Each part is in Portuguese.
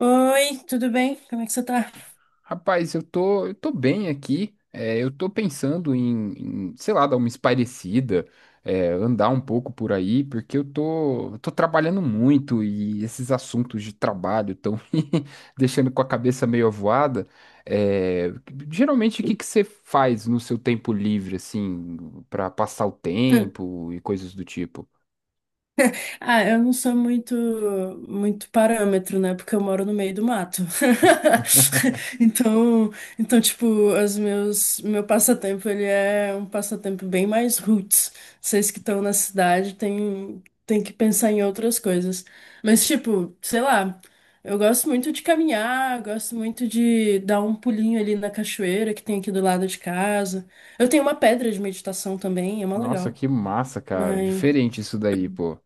Oi, tudo bem? Como é que você tá? Rapaz, eu tô bem aqui. Eu tô pensando em, sei lá, dar uma espairecida, andar um pouco por aí, porque eu tô trabalhando muito e esses assuntos de trabalho estão me deixando com a cabeça meio avoada. É, Geralmente, o que que você faz no seu tempo livre, assim, pra passar o tempo e coisas do tipo? Ah, eu não sou muito muito parâmetro, né? Porque eu moro no meio do mato. Então, então tipo, os meu passatempo, ele é um passatempo bem mais roots. Vocês que estão na cidade têm tem que pensar em outras coisas. Mas tipo, sei lá, eu gosto muito de caminhar, gosto muito de dar um pulinho ali na cachoeira que tem aqui do lado de casa. Eu tenho uma pedra de meditação também, é uma Nossa, legal. que massa, cara. Diferente isso daí, pô.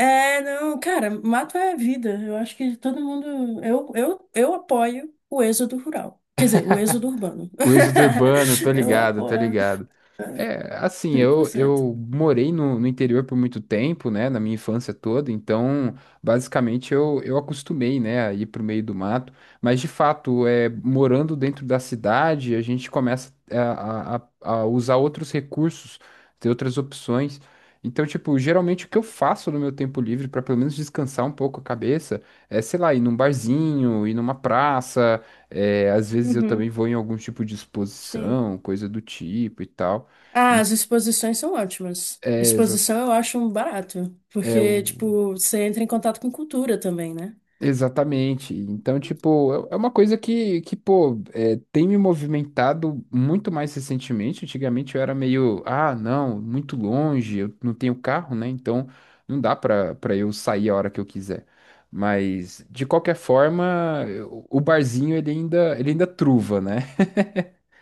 É, não, cara, mato é vida. Eu acho que todo mundo. Eu apoio o êxodo rural. Quer dizer, o êxodo urbano. O êxodo urbano, tô Eu ligado, tô apoio ligado. É, assim, eu, 100%. eu morei no interior por muito tempo, né, na minha infância toda, então, basicamente, eu acostumei, né, a ir pro meio do mato, mas, de fato, é, morando dentro da cidade, a gente começa a usar outros recursos, ter outras opções, então, tipo, geralmente o que eu faço no meu tempo livre, para pelo menos descansar um pouco a cabeça, é, sei lá, ir num barzinho, ir numa praça, é, às vezes eu também Uhum, vou em algum tipo de sim. exposição, coisa do tipo e tal. Ah, E- as exposições são ótimas. É, exa- Exposição eu acho um barato, é porque, o... tipo, você entra em contato com cultura também, né? Exatamente. Então, tipo, é uma coisa que pô, é, tem me movimentado muito mais recentemente. Antigamente eu era meio, ah, não, muito longe, eu não tenho carro, né? Então não dá pra eu sair a hora que eu quiser. Mas, de qualquer forma, o barzinho ele ainda truva, né?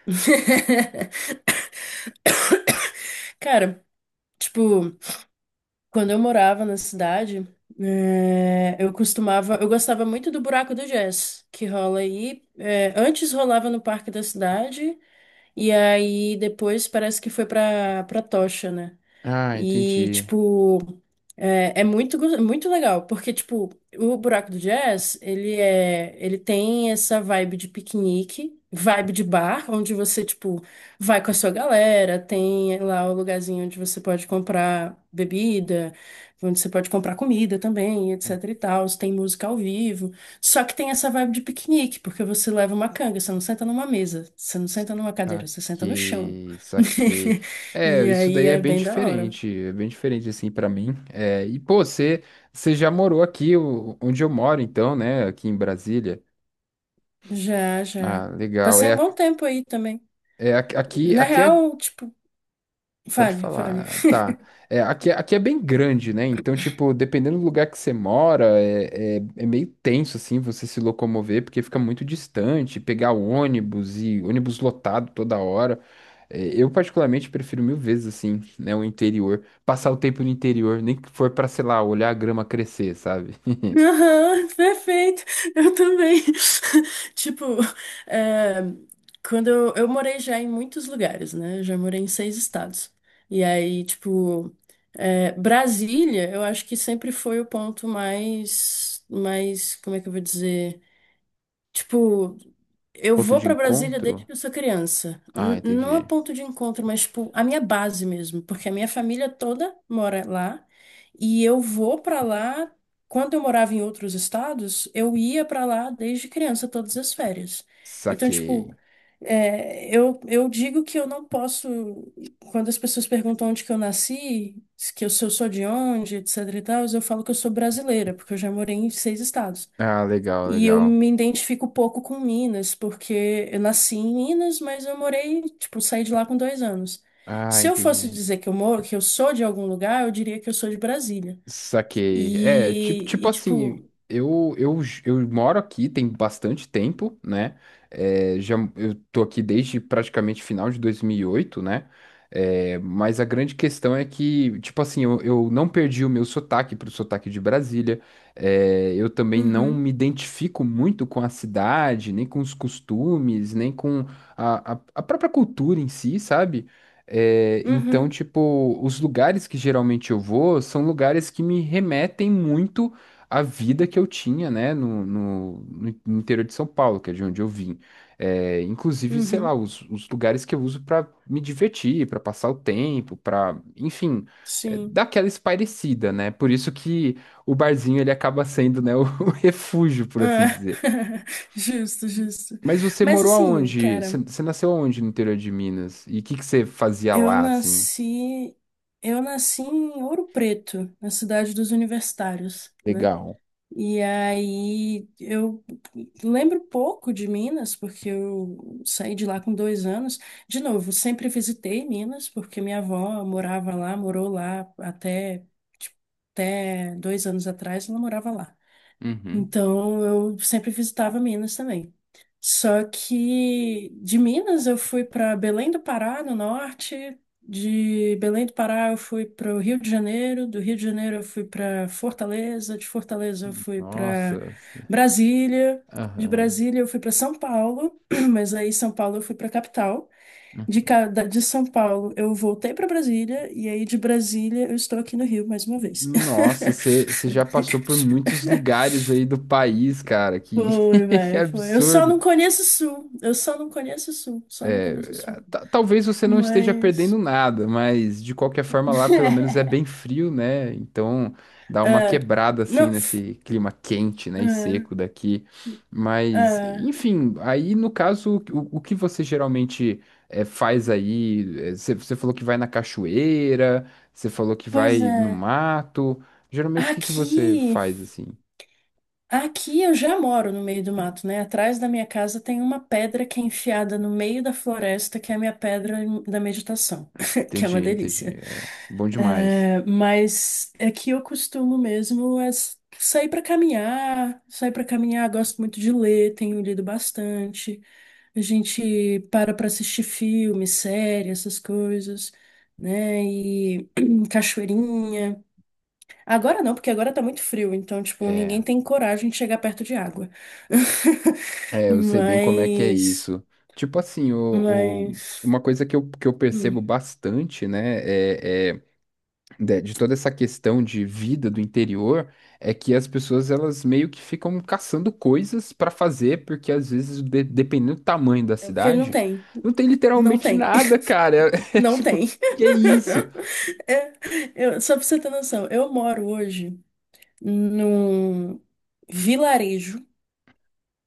Cara, tipo. Quando eu morava na cidade, eu gostava muito do Buraco do Jazz, que rola aí. Antes rolava no Parque da Cidade, e aí depois parece que foi pra, pra Tocha, né? Ah, E, entendi. tipo, é muito legal, porque, tipo, o Buraco do Jazz, ele tem essa vibe de piquenique, vibe de bar, onde você, tipo, vai com a sua galera, tem lá o lugarzinho onde você pode comprar bebida, onde você pode comprar comida também, etc e tal, tem música ao vivo, só que tem essa vibe de piquenique, porque você leva uma canga, você não senta numa mesa, você não senta numa cadeira, você senta no chão. Saquei, saquei. É, E isso aí daí é bem da hora. É bem diferente assim pra mim. Você já morou aqui onde eu moro então, né, aqui em Brasília? Já, Ah, já. legal. Passei um É, bom tempo aí também. é aqui, aqui Na aqui é real, tipo, Pode fale, fale. falar, tá. É, aqui, é, aqui é bem grande, né? Então, tipo, dependendo do lugar que você mora, é meio tenso, assim, você se locomover, porque fica muito distante, pegar ônibus e ônibus lotado toda hora. É, eu, particularmente, prefiro mil vezes, assim, né, o interior. Passar o tempo no interior, nem que for pra, sei lá, olhar a grama crescer, sabe? Aham, perfeito. Eu também. Tipo, é, quando eu morei já em muitos lugares, né? Já morei em seis estados. E aí, tipo, Brasília, eu acho que sempre foi o ponto mais, como é que eu vou dizer? Tipo, eu Ponto vou de pra Brasília desde encontro? que eu sou criança. Ah, Não é entendi. ponto de encontro, mas tipo, a minha base mesmo, porque a minha família toda mora lá e eu vou pra lá. Quando eu morava em outros estados, eu ia pra lá desde criança todas as férias. Então, tipo, Saquei. Eu digo que eu não posso, quando as pessoas perguntam onde que eu nasci, se eu sou de onde, etc e tal, eu falo que eu sou brasileira, porque eu já morei em seis estados. Ah, legal, E eu legal. me identifico pouco com Minas, porque eu nasci em Minas, mas eu morei, tipo, saí de lá com 2 anos. Ah, Se eu fosse entendi. dizer que eu moro, que eu sou de algum lugar, eu diria que eu sou de Brasília. Saquei. É, tipo, E, tipo e tipo, assim, eu moro aqui tem bastante tempo, né? É, já, eu tô aqui desde praticamente final de 2008, né? É, mas a grande questão é que, tipo assim, eu não perdi o meu sotaque pro sotaque de Brasília. É, eu também não uhum, me identifico muito com a cidade, nem com os costumes, nem com a própria cultura em si, sabe? É, então, uhum, tipo, os lugares que geralmente eu vou são lugares que me remetem muito à vida que eu tinha, né, no interior de São Paulo, que é de onde eu vim. É, inclusive, sei lá, uhum, os lugares que eu uso para me divertir, para passar o tempo, para, enfim, é, sim. dar aquela espairecida, né? Por isso que o barzinho ele acaba sendo, né, o refúgio, por assim É. dizer. Justo, justo. Mas você Mas morou assim, aonde? Cara, Você nasceu aonde no interior de Minas? E o que que você fazia eu lá, assim? nasci, eu nasci em Ouro Preto, na cidade dos universitários, né? Legal. E aí eu lembro pouco de Minas, porque eu saí de lá com 2 anos. De novo, sempre visitei Minas, porque minha avó morava lá, morou lá até, tipo, até 2 anos atrás, ela morava lá. Uhum. Então eu sempre visitava Minas também. Só que de Minas eu fui para Belém do Pará, no norte. De Belém do Pará eu fui para o Rio de Janeiro, do Rio de Janeiro eu fui para Fortaleza, de Fortaleza eu fui para Nossa. c- Brasília, de Aham. Brasília eu fui para São Paulo, mas aí São Paulo eu fui para a capital. De, Uhum. ca- da- de São Paulo eu voltei para Brasília e aí de Brasília eu estou aqui no Rio mais uma vez. Nossa, você já passou por muitos lugares aí do país, cara. Que, Foi, que velho, foi. Eu só absurdo. não conheço o Sul. Eu só não conheço o Sul. Só não conheço o Sul. Talvez você não esteja perdendo Mas. nada, mas de qualquer forma lá pelo menos é bem frio, né? Então dá uma É. quebrada assim Não. Nesse clima quente, né, e É. seco daqui. Mas, É. enfim, aí no caso, o que você geralmente faz aí? Você falou que vai na cachoeira, você falou que Pois vai no é. mato. Geralmente o que que você Aqui. faz assim? Aqui eu já moro no meio do mato, né? Atrás da minha casa tem uma pedra que é enfiada no meio da floresta, que é a minha pedra da meditação, que é Entendi, uma entendi. delícia. É, bom demais. É, mas é que eu costumo mesmo é sair para caminhar, gosto muito de ler, tenho lido bastante. A gente para assistir filme, série, essas coisas, né? E cachoeirinha. Agora não, porque agora tá muito frio, então, tipo, ninguém É, tem coragem de chegar perto de água. É, eu sei bem como é que é Mas, isso. Tipo assim, mas, uma coisa que eu percebo hum, bastante, né, é de toda essa questão de vida do interior, é que as pessoas elas meio que ficam caçando coisas pra fazer, porque às vezes, dependendo do tamanho da é porque não cidade, tem, não tem não literalmente tem, nada, cara. É, não tipo, tem. que isso? É, eu, só pra você ter noção, eu moro hoje num vilarejo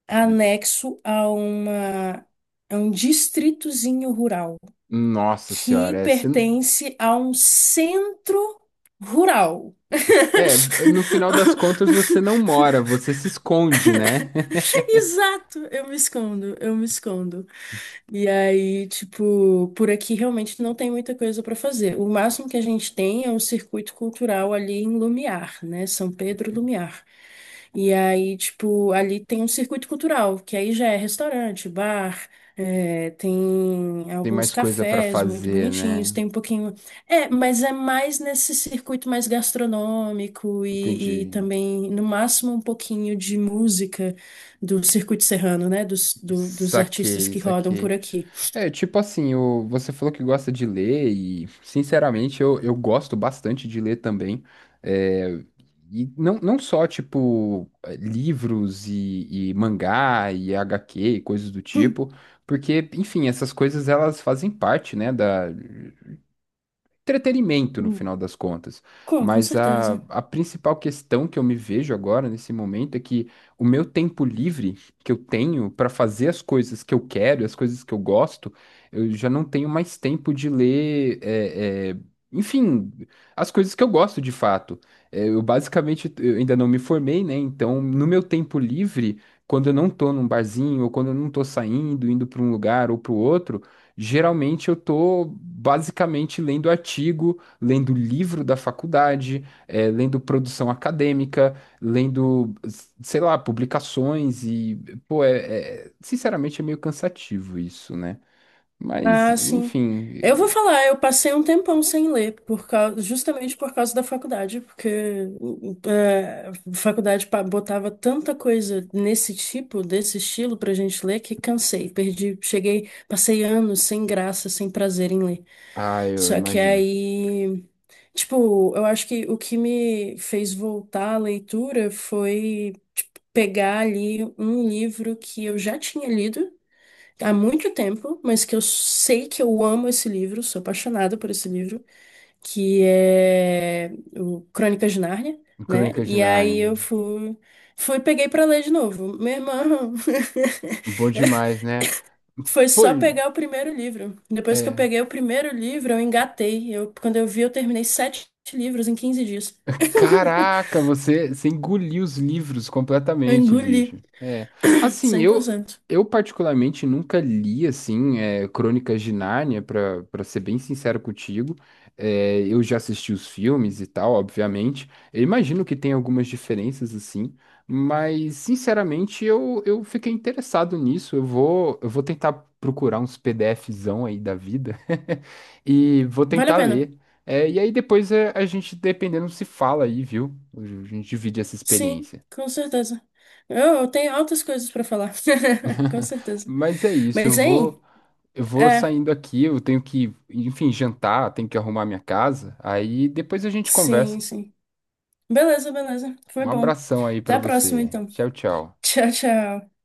anexo a uma, a um distritozinho rural Nossa que senhora, pertence a um centro rural. é, no final das contas você não mora, você se esconde, né? Exato, eu me escondo, eu me escondo. E aí, tipo, por aqui realmente não tem muita coisa para fazer. O máximo que a gente tem é um circuito cultural ali em Lumiar, né? São Pedro Lumiar. E aí, tipo, ali tem um circuito cultural, que aí já é restaurante, bar, é, tem Tem alguns mais coisa pra cafés muito fazer, bonitinhos, né? tem um pouquinho. É, mas é mais nesse circuito mais gastronômico e Entendi. também, no máximo, um pouquinho de música do circuito serrano, né? Dos artistas Saquei, que rodam por saquei. aqui. É, tipo assim, você falou que gosta de ler e, sinceramente, eu gosto bastante de ler também. É, e não só, tipo, eh, livros e mangá e HQ e coisas do tipo, porque, enfim, essas coisas elas fazem parte, né, da, entretenimento no Hum, final das contas. com Mas certeza. a principal questão que eu me vejo agora, nesse momento, é que o meu tempo livre que eu tenho para fazer as coisas que eu quero, as coisas que eu gosto, eu já não tenho mais tempo de ler, enfim, as coisas que eu gosto de fato. Eu basicamente eu ainda não me formei, né? Então, no meu tempo livre, quando eu não tô num barzinho, ou quando eu não tô saindo, indo para um lugar ou para o outro, geralmente eu tô basicamente lendo artigo, lendo livro da faculdade, lendo produção acadêmica, lendo, sei lá, publicações e, pô, sinceramente é meio cansativo isso, né? Mas, Ah, sim. enfim, Eu vou falar, eu passei um tempão sem ler, justamente por causa da faculdade, porque a faculdade botava tanta coisa nesse tipo, desse estilo pra gente ler, que cansei, perdi, cheguei, passei anos sem graça, sem prazer em ler. ah, eu Só que imagino. aí, tipo, eu acho que o que me fez voltar à leitura foi, tipo, pegar ali um livro que eu já tinha lido há muito tempo, mas que eu sei que eu amo esse livro, sou apaixonada por esse livro, que é o Crônicas de Nárnia, né? Crônicas de E aí eu Nárnia. Fui peguei pra ler de novo. Meu irmão, Bom demais, né? foi Pô, só pegar o primeiro livro. Depois que eu é. peguei o primeiro livro, eu engatei. Eu, quando eu vi, eu terminei sete livros em 15 dias. Caraca, você engoliu os livros Eu completamente, engoli bicho. É. Assim, cem por cento. eu particularmente nunca li assim é, Crônicas de Nárnia, para ser bem sincero contigo. É, eu já assisti os filmes e tal, obviamente. Eu imagino que tem algumas diferenças assim, mas sinceramente eu fiquei interessado nisso. Eu vou tentar procurar uns PDFzão aí da vida e vou Vale a tentar pena? ler. É, e aí depois é, a gente, dependendo, se fala aí, viu? A gente divide essa Sim, experiência. com certeza. Eu tenho altas coisas pra falar. Com certeza. Mas é isso, Mas, hein? eu vou É, saindo aqui, eu tenho que, enfim, jantar, tenho que arrumar minha casa. Aí depois a gente sim, conversa. sim. Beleza, beleza. Foi Um bom. abração aí Até pra a próxima, você. então. Tchau, tchau. Tchau, tchau.